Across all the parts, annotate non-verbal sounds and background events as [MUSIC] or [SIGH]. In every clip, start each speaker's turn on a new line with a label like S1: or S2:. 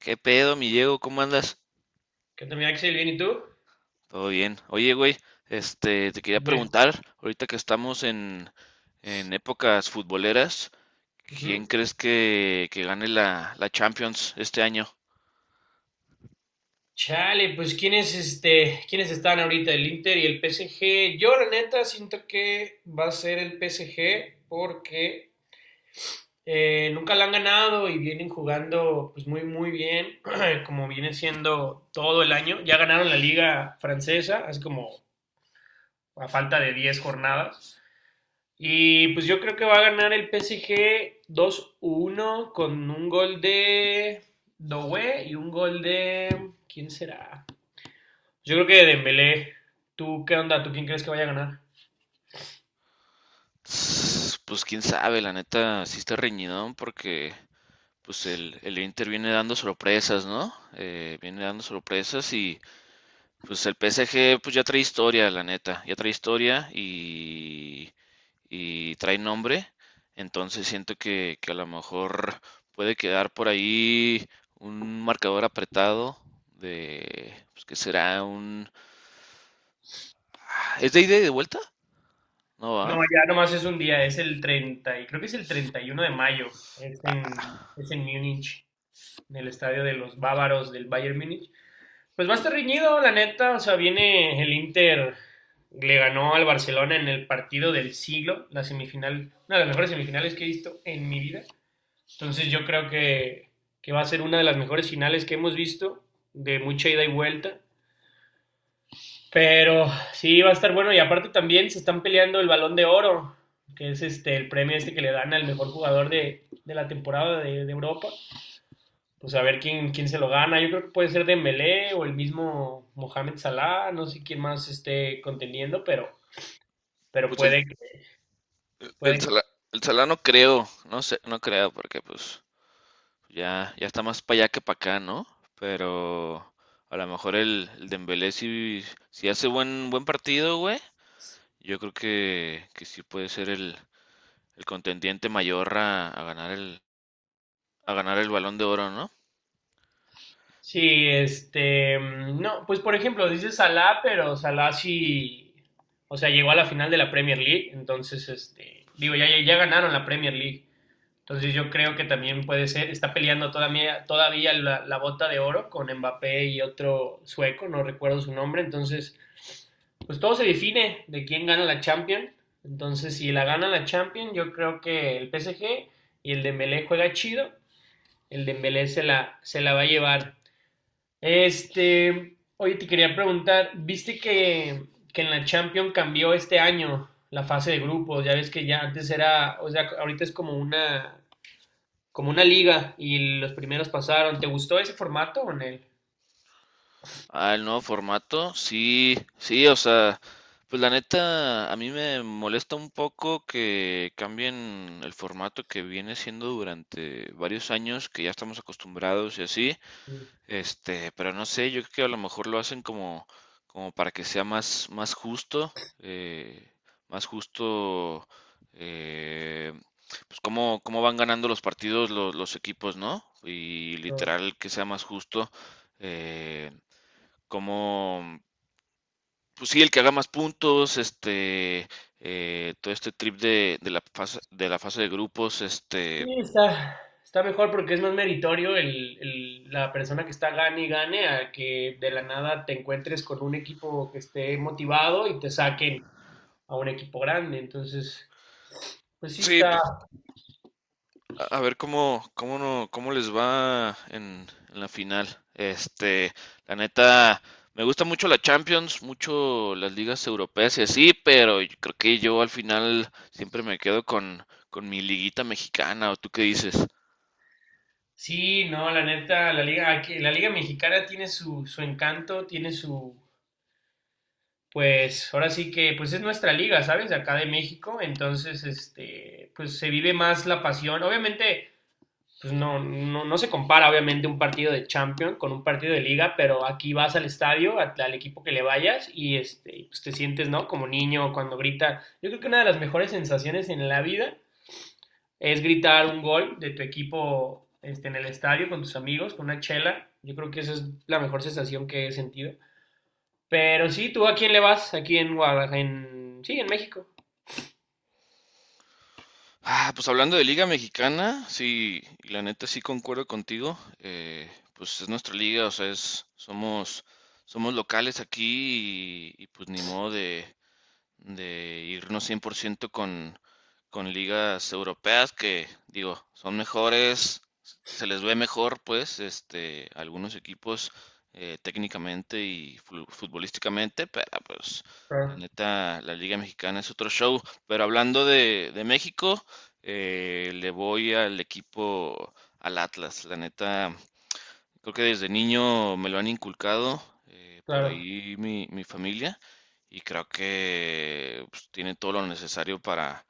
S1: ¿Qué pedo, mi Diego? ¿Cómo andas?
S2: ¿Qué tal, mi Axel? ¿Bien y tú?
S1: Todo bien. Oye, güey, te quería
S2: Bien.
S1: preguntar, ahorita que estamos en épocas futboleras, ¿quién
S2: Ujú.
S1: crees que gane la Champions este año?
S2: Chale, pues ¿quiénes están ahorita? El Inter y el PSG. Yo, la neta, siento que va a ser el PSG porque nunca la han ganado y vienen jugando pues muy, muy bien, [CLEARS THROAT] como viene siendo todo el año. Ya ganaron la liga francesa, así como a falta de 10 jornadas. Y pues yo creo que va a ganar el PSG 2-1 con un gol de Doué y un gol de, ¿quién será? Yo creo que de Dembélé. ¿Tú qué onda? ¿Tú quién crees que vaya a ganar?
S1: Pues quién sabe, la neta, sí está reñidón porque pues el Inter viene dando sorpresas, ¿no? Viene dando sorpresas y pues el PSG pues ya trae historia, la neta, ya trae historia y trae nombre, entonces siento que a lo mejor puede quedar por ahí un marcador apretado de, pues que será un. Ah, ¿es de ida y de vuelta? No
S2: No,
S1: va.
S2: ya nomás es un día, es el 30 y creo que es el 31 de mayo. Es en Múnich, en el estadio de los bávaros del Bayern Múnich. Pues va a estar reñido, la neta. O sea, viene el Inter, le ganó al Barcelona en el partido del siglo, la semifinal, una de las mejores semifinales que he visto en mi vida. Entonces yo creo que va a ser una de las mejores finales que hemos visto, de mucha ida y vuelta. Pero sí, va a estar bueno. Y aparte también se están peleando el balón de oro, que es el premio este que le dan al mejor jugador de la temporada de Europa. Pues a ver quién, quién se lo gana. Yo creo que puede ser Dembélé o el mismo Mohamed Salah, no sé quién más esté contendiendo, pero
S1: Pues
S2: puede,
S1: el, el
S2: puede.
S1: Sala, el sala no creo, no sé, no creo, porque pues ya, ya está más para allá que para acá, ¿no? Pero a lo mejor el Dembélé si hace buen partido, güey. Yo creo que sí puede ser el contendiente mayor a ganar el Balón de Oro, ¿no?
S2: Sí, no, pues por ejemplo, dice Salah, pero Salah sí, o sea, llegó a la final de la Premier League, entonces,
S1: Pues
S2: digo,
S1: sí.
S2: ya, ya ganaron la Premier League, entonces yo creo que también puede ser, está peleando todavía, todavía la, la bota de oro con Mbappé y otro sueco, no recuerdo su nombre, entonces pues todo se define de quién gana la Champions. Entonces, si la gana la Champions, yo creo que el PSG y el Dembélé juega chido. El Dembélé se la va a llevar. Oye, te quería preguntar, ¿viste que en la Champions cambió este año la fase de grupos? Ya ves que ya antes era, o sea, ahorita es como una liga y los primeros pasaron. ¿Te gustó ese formato o en
S1: Ah, el nuevo formato, sí, sí, o sea, pues la neta, a mí me molesta un poco que cambien el formato que viene siendo durante varios años, que ya estamos acostumbrados y así. Pero no sé, yo creo que a lo mejor lo hacen como para que sea más eh, justo, eh, pues cómo van ganando los partidos los equipos, ¿no? Y
S2: él?
S1: literal que sea más justo, eh, como, pues sí, el que haga más puntos, todo este trip de la fase de grupos.
S2: Sí, está, está mejor porque es más meritorio el, la persona que está gane y gane a que de la nada te encuentres con un equipo que esté motivado y te saquen a un equipo grande. Entonces, pues sí
S1: Sí,
S2: está.
S1: pues a ver cómo, cómo no, cómo les va en la final. Este, la neta, me gusta mucho la Champions, mucho las ligas europeas y así, pero yo creo que yo al final siempre me quedo con mi liguita mexicana, ¿o tú qué dices?
S2: Sí, no, la neta, la liga mexicana tiene su, su encanto, pues, ahora sí que, pues es nuestra liga, ¿sabes? De acá de México, entonces, pues se vive más la pasión. Obviamente, pues no, no, no, se compara obviamente un partido de Champions con un partido de liga, pero aquí vas al estadio, a, al equipo que le vayas y y pues te sientes, ¿no? Como niño cuando grita. Yo creo que una de las mejores sensaciones en la vida es gritar un gol de tu equipo en el estadio con tus amigos, con una chela. Yo creo que esa es la mejor sensación que he sentido. Pero sí, ¿tú a quién le vas? Aquí en Guadalajara, Sí, en México.
S1: Ah, pues hablando de liga mexicana, sí, y la neta sí concuerdo contigo. Pues es nuestra liga, o sea, somos locales aquí y pues ni modo de irnos 100% con ligas europeas que, digo, son mejores, se les ve mejor, pues, algunos equipos técnicamente y futbolísticamente, pero pues, la
S2: Claro,
S1: neta, la Liga Mexicana es otro show. Pero hablando de México. Le voy al equipo, al Atlas, la neta, creo que desde niño me lo han inculcado, por
S2: claro.
S1: ahí mi familia, y creo que pues, tiene todo lo necesario para,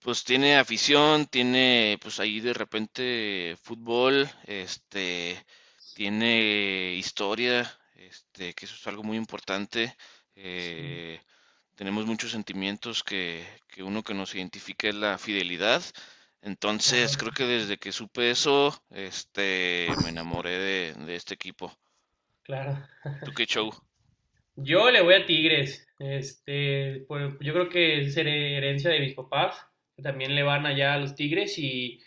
S1: pues tiene afición, tiene, pues ahí de repente fútbol, tiene historia, que eso es algo muy importante.
S2: Sí,
S1: eh, Tenemos muchos sentimientos que uno que nos identifica es la fidelidad. Entonces,
S2: claro,
S1: creo que desde que supe eso, me enamoré de este equipo.
S2: claro.
S1: ¿Tú qué show?
S2: Yo le voy a Tigres. Pues yo creo que es herencia de mis papás, que también le van allá a los Tigres y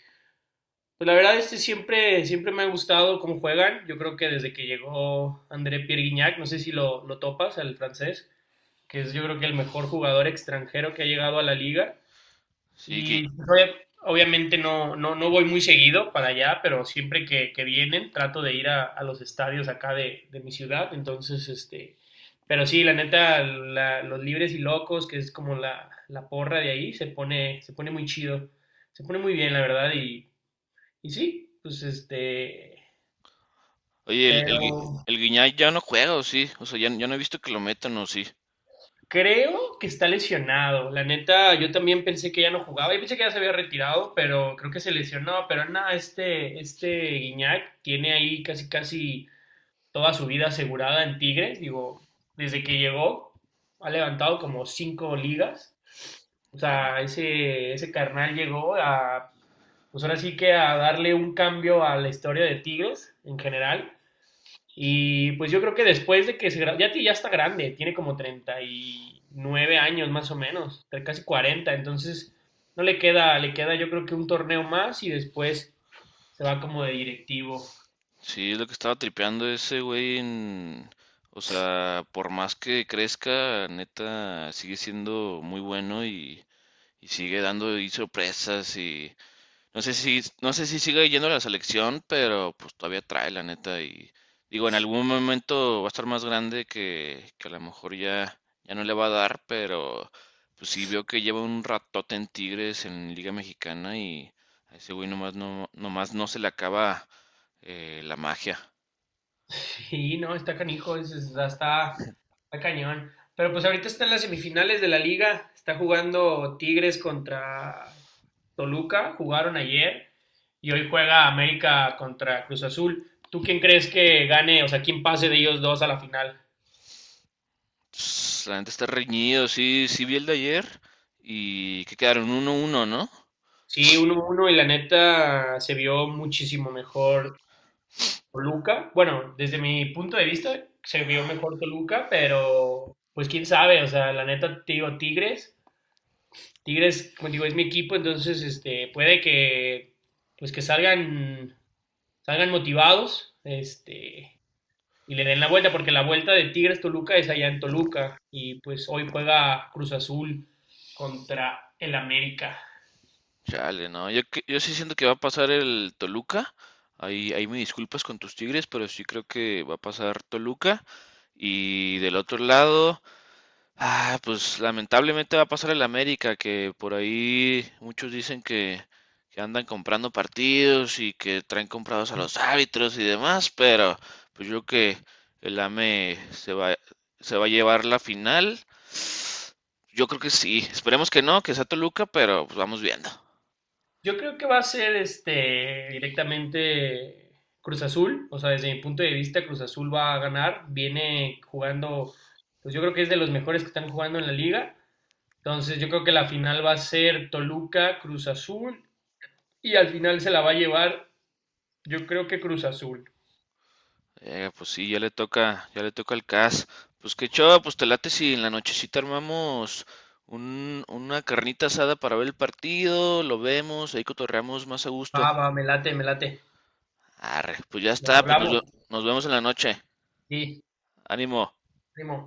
S2: pues la verdad siempre siempre me ha gustado cómo juegan. Yo creo que desde que llegó André Pierre Guignac, no sé si lo topas, el francés, que es yo creo que el mejor jugador extranjero que ha llegado a la liga.
S1: Sí,
S2: Y obviamente no, no, no voy muy seguido para allá, pero siempre que vienen trato de ir a los estadios acá de mi ciudad. Entonces, pero sí, la neta, los libres y locos, que es como la porra de ahí, se pone muy chido, se pone muy bien, la verdad, y sí, pues
S1: oye,
S2: pero
S1: el Guiñay ya no juega, ¿o sí? O sea, ya, ya no he visto que lo metan, ¿o sí?
S2: creo que está lesionado. La neta, yo también pensé que ya no jugaba. Yo pensé que ya se había retirado, pero creo que se lesionó. Pero nada, este Guiñac tiene ahí casi, casi toda su vida asegurada en Tigres. Digo, desde que llegó, ha levantado como 5 ligas. O
S1: Eh,
S2: sea, ese carnal llegó pues ahora sí que a darle un cambio a la historia de Tigres en general. Y pues yo creo que después de que se gra- ya, ti- ya está grande, tiene como 39 años más o menos, casi 40. Entonces no le queda, le queda yo creo que un torneo más y después se va como de directivo. [LAUGHS]
S1: Sí, lo que estaba tripeando ese güey. O sea, por más que crezca, neta, sigue siendo muy bueno y sigue dando ahí sorpresas. No sé si sigue yendo a la selección, pero pues todavía trae, la neta. Digo, en algún momento va a estar más grande que a lo mejor ya, ya no le va a dar, pero pues sí veo que lleva un ratote en Tigres en Liga Mexicana y a ese güey nomás no se le acaba la magia.
S2: Sí, no, está canijo, está, está cañón. Pero pues ahorita están las semifinales de la liga, está jugando Tigres contra Toluca, jugaron ayer y hoy juega América contra Cruz Azul. ¿Tú quién crees que gane, o sea, quién pase de ellos dos a la final?
S1: La gente está reñido, sí, sí vi el de ayer y que quedaron 1-1, ¿no?
S2: Sí, 1 uno y la neta se vio muchísimo mejor Toluca. Bueno, desde mi punto de vista se vio mejor Toluca, pero pues quién sabe, o sea, la neta te digo Tigres, Tigres, como digo, es mi equipo, entonces puede que pues que salgan motivados, y le den la vuelta porque la vuelta de Tigres Toluca es allá en Toluca y pues hoy juega Cruz Azul contra el América.
S1: Chale, no, yo sí siento que va a pasar el Toluca. Ahí me disculpas con tus Tigres, pero sí creo que va a pasar Toluca. Y del otro lado, ah, pues lamentablemente va a pasar el América, que por ahí muchos dicen que andan comprando partidos y que traen comprados a los árbitros y demás, pero pues yo creo que el AME se va a llevar la final. Yo creo que sí. Esperemos que no, que sea Toluca, pero pues vamos viendo.
S2: Yo creo que va a ser directamente Cruz Azul, o sea, desde mi punto de vista Cruz Azul va a ganar, viene jugando, pues yo creo que es de los mejores que están jugando en la liga, entonces yo creo que la final va a ser Toluca, Cruz Azul y al final se la va a llevar, yo creo que Cruz Azul.
S1: Pues sí, ya le toca al CAS. Pues qué chava, pues te late si en la nochecita armamos una carnita asada para ver el partido, lo vemos, ahí cotorreamos más a
S2: Va,
S1: gusto.
S2: va, me late, me late.
S1: Arre, pues ya
S2: Nos
S1: está, pues
S2: hablamos.
S1: nos vemos en la noche.
S2: Sí,
S1: Ánimo.
S2: primo.